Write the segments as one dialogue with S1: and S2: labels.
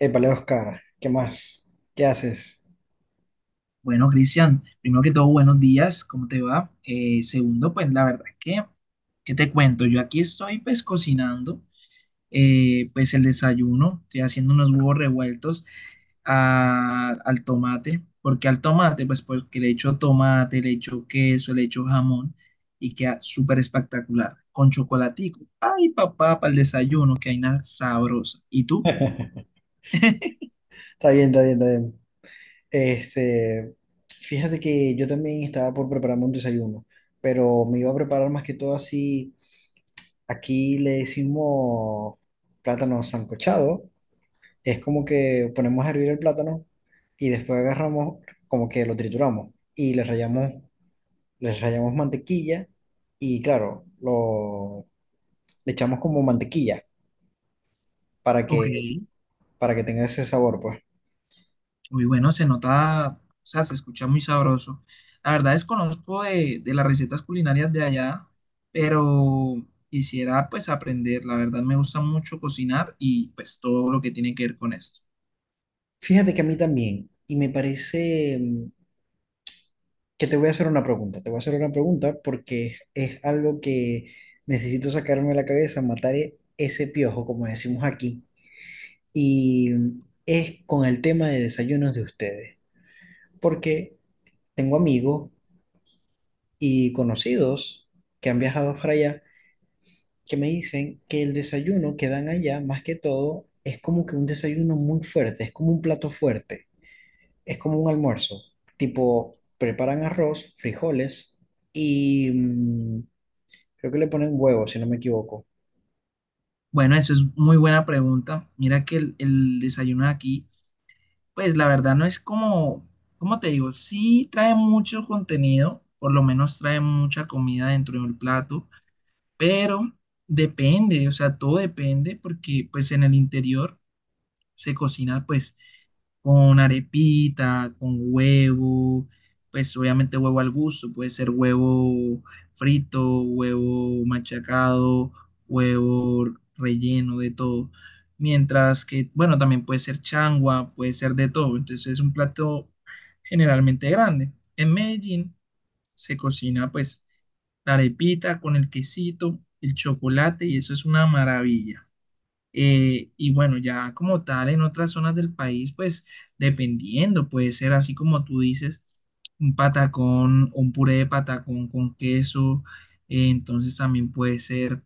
S1: Épale, Oscar, ¿qué más? ¿Qué haces?
S2: Bueno, Cristian, primero que todo, buenos días, ¿cómo te va? Segundo, pues la verdad que, ¿qué te cuento? Yo aquí estoy pues cocinando, pues el desayuno, estoy haciendo unos huevos revueltos al tomate. ¿Por qué al tomate? Pues porque le echo tomate, le echo queso, le echo jamón y queda súper espectacular, con chocolatico. Ay, papá, para el desayuno, que hay nada sabrosa. ¿Y tú?
S1: Está bien, está bien, está bien. Este, fíjate que yo también estaba por prepararme un desayuno, pero me iba a preparar más que todo así. Aquí le decimos plátano sancochado. Es como que ponemos a hervir el plátano y después agarramos, como que lo trituramos y le rallamos mantequilla y claro, le echamos como mantequilla para
S2: Ok.
S1: que, para que tenga ese sabor, pues.
S2: Muy bueno, se nota, o sea, se escucha muy sabroso. La verdad desconozco de las recetas culinarias de allá, pero quisiera pues aprender. La verdad me gusta mucho cocinar y pues todo lo que tiene que ver con esto.
S1: Fíjate que a mí también, y me parece que te voy a hacer una pregunta, te voy a hacer una pregunta porque es algo que necesito sacarme de la cabeza, matar ese piojo, como decimos aquí, y es con el tema de desayunos de ustedes, porque tengo amigos y conocidos que han viajado para allá, que me dicen que el desayuno que dan allá, más que todo, es como que un desayuno muy fuerte, es como un plato fuerte, es como un almuerzo. Tipo, preparan arroz, frijoles y, creo que le ponen huevo, si no me equivoco.
S2: Bueno, eso es muy buena pregunta. Mira que el desayuno de aquí, pues la verdad no es como, ¿cómo te digo? Sí trae mucho contenido, por lo menos trae mucha comida dentro del plato, pero depende, o sea, todo depende porque pues en el interior se cocina pues con arepita, con huevo, pues obviamente huevo al gusto, puede ser huevo frito, huevo machacado, huevo relleno, de todo. Mientras que, bueno, también puede ser changua, puede ser de todo. Entonces es un plato generalmente grande. En Medellín se cocina pues la arepita con el quesito, el chocolate y eso es una maravilla. Y bueno, ya como tal, en otras zonas del país, pues dependiendo, puede ser así como tú dices, un patacón, un puré de patacón con queso, entonces también puede ser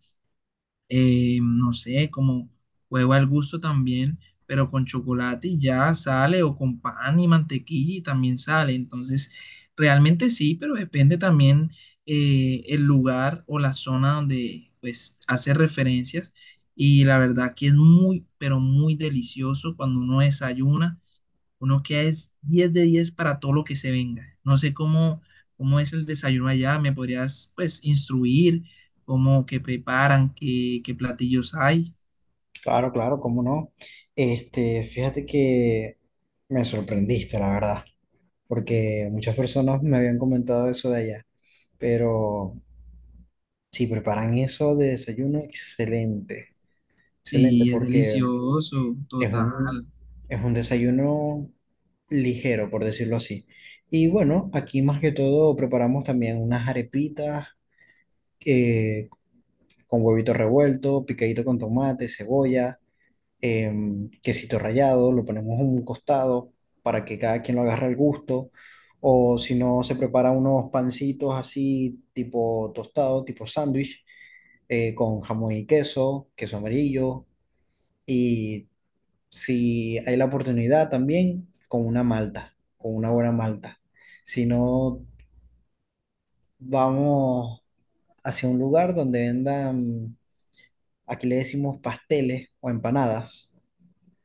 S2: no sé, como huevo al gusto también, pero con chocolate y ya sale, o con pan y mantequilla y también sale. Entonces, realmente sí, pero depende también el lugar o la zona donde pues hace referencias. Y la verdad que es muy, pero muy delicioso cuando uno desayuna uno queda es 10 de 10 para todo lo que se venga. No sé cómo, cómo es el desayuno allá, me podrías pues instruir cómo que preparan, qué platillos hay.
S1: Claro, claro, cómo no. Fíjate que me sorprendiste, la verdad, porque muchas personas me habían comentado eso de allá, pero si preparan eso de desayuno, excelente, excelente.
S2: Sí, es
S1: Porque
S2: delicioso,
S1: es un,
S2: total.
S1: es un desayuno ligero, por decirlo así. Y bueno, aquí más que todo preparamos también unas arepitas, eh, con huevito revuelto, picadito con tomate, cebolla, quesito rallado, lo ponemos en un costado para que cada quien lo agarre al gusto. O si no, se prepara unos pancitos así, tipo tostado, tipo sándwich, con jamón y queso, queso amarillo. Y si hay la oportunidad también, con una malta, con una buena malta. Si no, vamos hacia un lugar donde vendan, aquí le decimos pasteles o empanadas.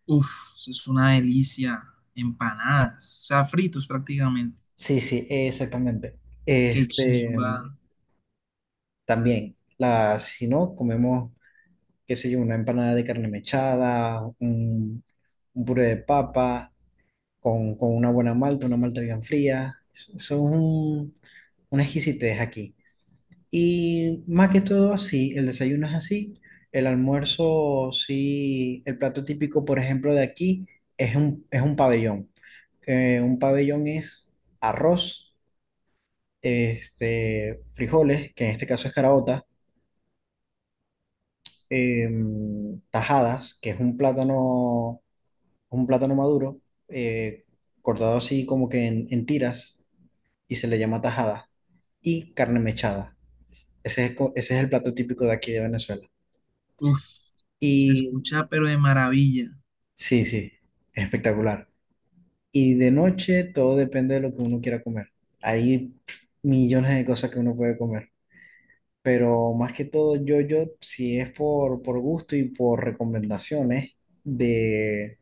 S2: Uf, eso es una delicia. Empanadas, o sea, fritos prácticamente.
S1: Sí, sí, exactamente.
S2: Qué
S1: Este,
S2: chimba.
S1: también, si no, comemos, qué sé yo, una empanada de carne mechada, un puré de papa, con una buena malta, una malta bien fría. Son una exquisitez aquí. Y más que todo así, el desayuno es así. El almuerzo sí, el plato típico, por ejemplo, de aquí es es un pabellón. Un pabellón es arroz, este, frijoles, que en este caso es caraota, tajadas, que es un plátano maduro, eh, cortado así como que en tiras y se le llama tajada, y carne mechada. Ese es, ese es el plato típico de aquí de Venezuela.
S2: Uf, se
S1: Y
S2: escucha pero de maravilla.
S1: sí, sí, espectacular. Y de noche todo depende de lo que uno quiera comer. Hay millones de cosas que uno puede comer, pero más que todo yo, si es por gusto y por recomendaciones de,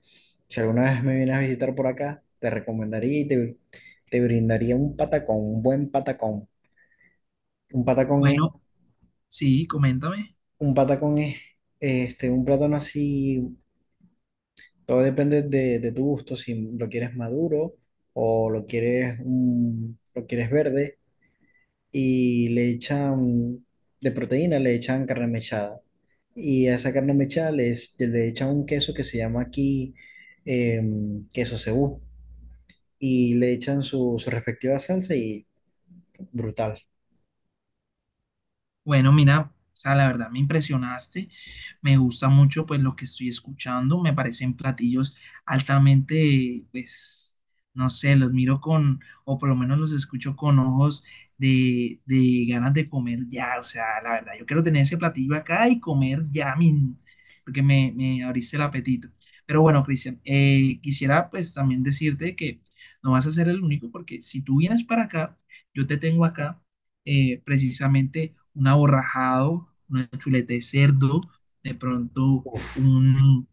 S1: si alguna vez me vienes a visitar por acá, te recomendaría te brindaría un patacón, un buen patacón. Un patacón es,
S2: Bueno, sí, coméntame.
S1: un patacón es un plátano así. Todo depende de tu gusto, si lo quieres maduro o lo quieres, lo quieres verde y le echan de proteína, le echan carne mechada. Y a esa carne mechada le echan un queso que se llama aquí, queso cebú, y le echan su respectiva salsa y brutal.
S2: Bueno, mira, o sea, la verdad me impresionaste, me gusta mucho pues lo que estoy escuchando, me parecen platillos altamente, pues, no sé, los miro con, o por lo menos los escucho con ojos de ganas de comer ya, o sea, la verdad, yo quiero tener ese platillo acá y comer ya, porque me abriste el apetito. Pero bueno, Cristian, quisiera pues también decirte que no vas a ser el único, porque si tú vienes para acá, yo te tengo acá precisamente un aborrajado, una chuleta de cerdo, de pronto
S1: Uf,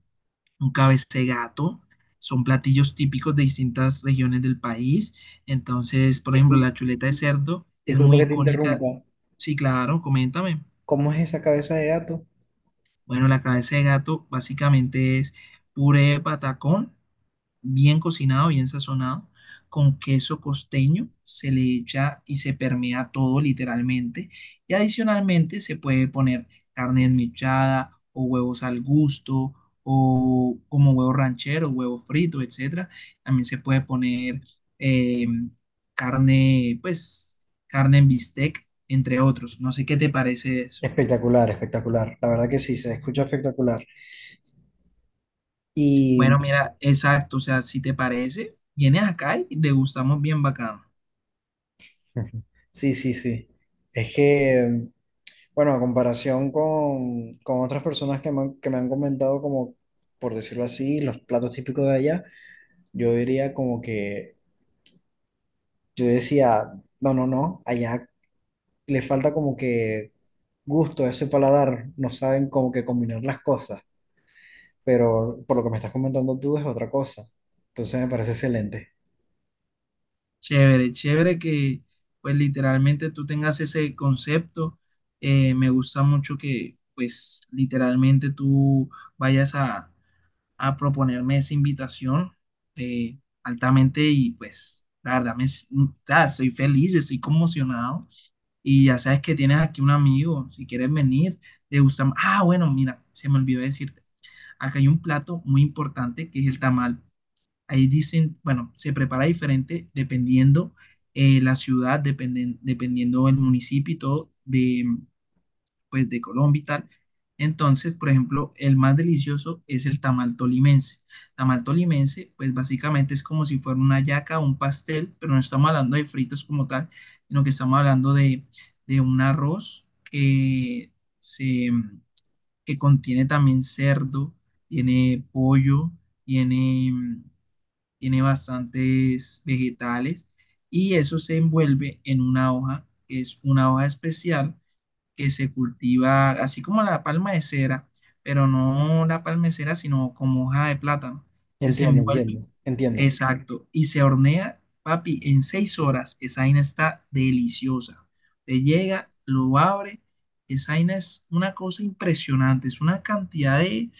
S2: un cabeza de gato. Son platillos típicos de distintas regiones del país. Entonces, por ejemplo,
S1: discul-
S2: la chuleta de cerdo es
S1: disculpa
S2: muy
S1: que te
S2: icónica.
S1: interrumpa.
S2: Sí, claro, coméntame.
S1: ¿Cómo es esa cabeza de gato?
S2: Bueno, la cabeza de gato básicamente es puré de patacón bien cocinado, bien sazonado, con queso costeño, se le echa y se permea todo literalmente. Y adicionalmente se puede poner carne desmechada o huevos al gusto o como huevo ranchero, huevo frito, etcétera. También se puede poner eh, carne, pues carne en bistec, entre otros. No sé qué te parece eso.
S1: Espectacular, espectacular. La verdad que sí, se escucha espectacular. Y
S2: Bueno, mira, exacto, o sea, si te parece, vienes acá y degustamos bien bacano.
S1: ujú, sí, sí, sí. Es que, bueno, a comparación con otras personas que que me han comentado como, por decirlo así, los platos típicos de allá, yo diría como que, yo decía, no, no, no, allá le falta como que gusto a ese paladar, no saben como que combinar las cosas, pero por lo que me estás comentando tú es otra cosa. Entonces me parece excelente.
S2: Chévere, chévere que pues literalmente tú tengas ese concepto. Me gusta mucho que pues literalmente tú vayas a, a proponerme esa invitación eh, altamente y pues la verdad o sea, soy feliz, estoy conmocionado y ya sabes que tienes aquí un amigo, si quieres venir, te gusta. Ah, bueno, mira, se me olvidó decirte, acá hay un plato muy importante que es el tamal. Ahí dicen, bueno, se prepara diferente dependiendo la ciudad, dependiendo el municipio y todo de, pues, de Colombia y tal. Entonces, por ejemplo, el más delicioso es el tamal tolimense. Tamal tolimense, pues básicamente es como si fuera una yaca o un pastel, pero no estamos hablando de fritos como tal, sino que estamos hablando de un arroz se, que contiene también cerdo, tiene pollo, tiene tiene bastantes vegetales y eso se envuelve en una hoja, que es una hoja especial que se cultiva así como la palma de cera, pero no la palma de cera, sino como hoja de plátano. Entonces, se
S1: Entiendo, entiendo,
S2: envuelve,
S1: entiendo.
S2: exacto, y se hornea, papi, en 6 horas. Esa vaina está deliciosa. Te llega, lo abre. Esa vaina es una cosa impresionante, es una cantidad de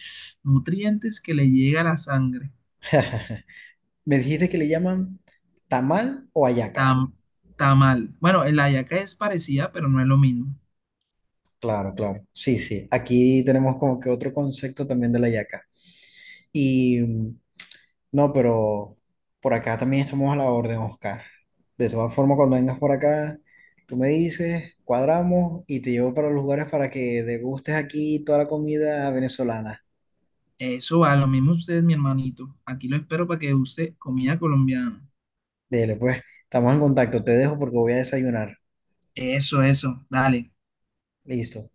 S2: nutrientes que le llega a la sangre.
S1: Me dijiste que le llaman tamal o hallaca.
S2: Tam, Tamal. Bueno, el hallaca es parecida, pero no es lo mismo.
S1: Claro, claro. Sí, sí. Aquí tenemos como que otro concepto también de la yaca. Y no, pero por acá también estamos a la orden, Oscar. De todas formas, cuando vengas por acá, tú me dices, cuadramos y te llevo para los lugares para que degustes aquí toda la comida venezolana.
S2: Eso va, lo mismo ustedes mi hermanito. Aquí lo espero para que use comida colombiana.
S1: Dele, pues, estamos en contacto. Te dejo porque voy a desayunar.
S2: Eso, eso. Dale.
S1: Listo.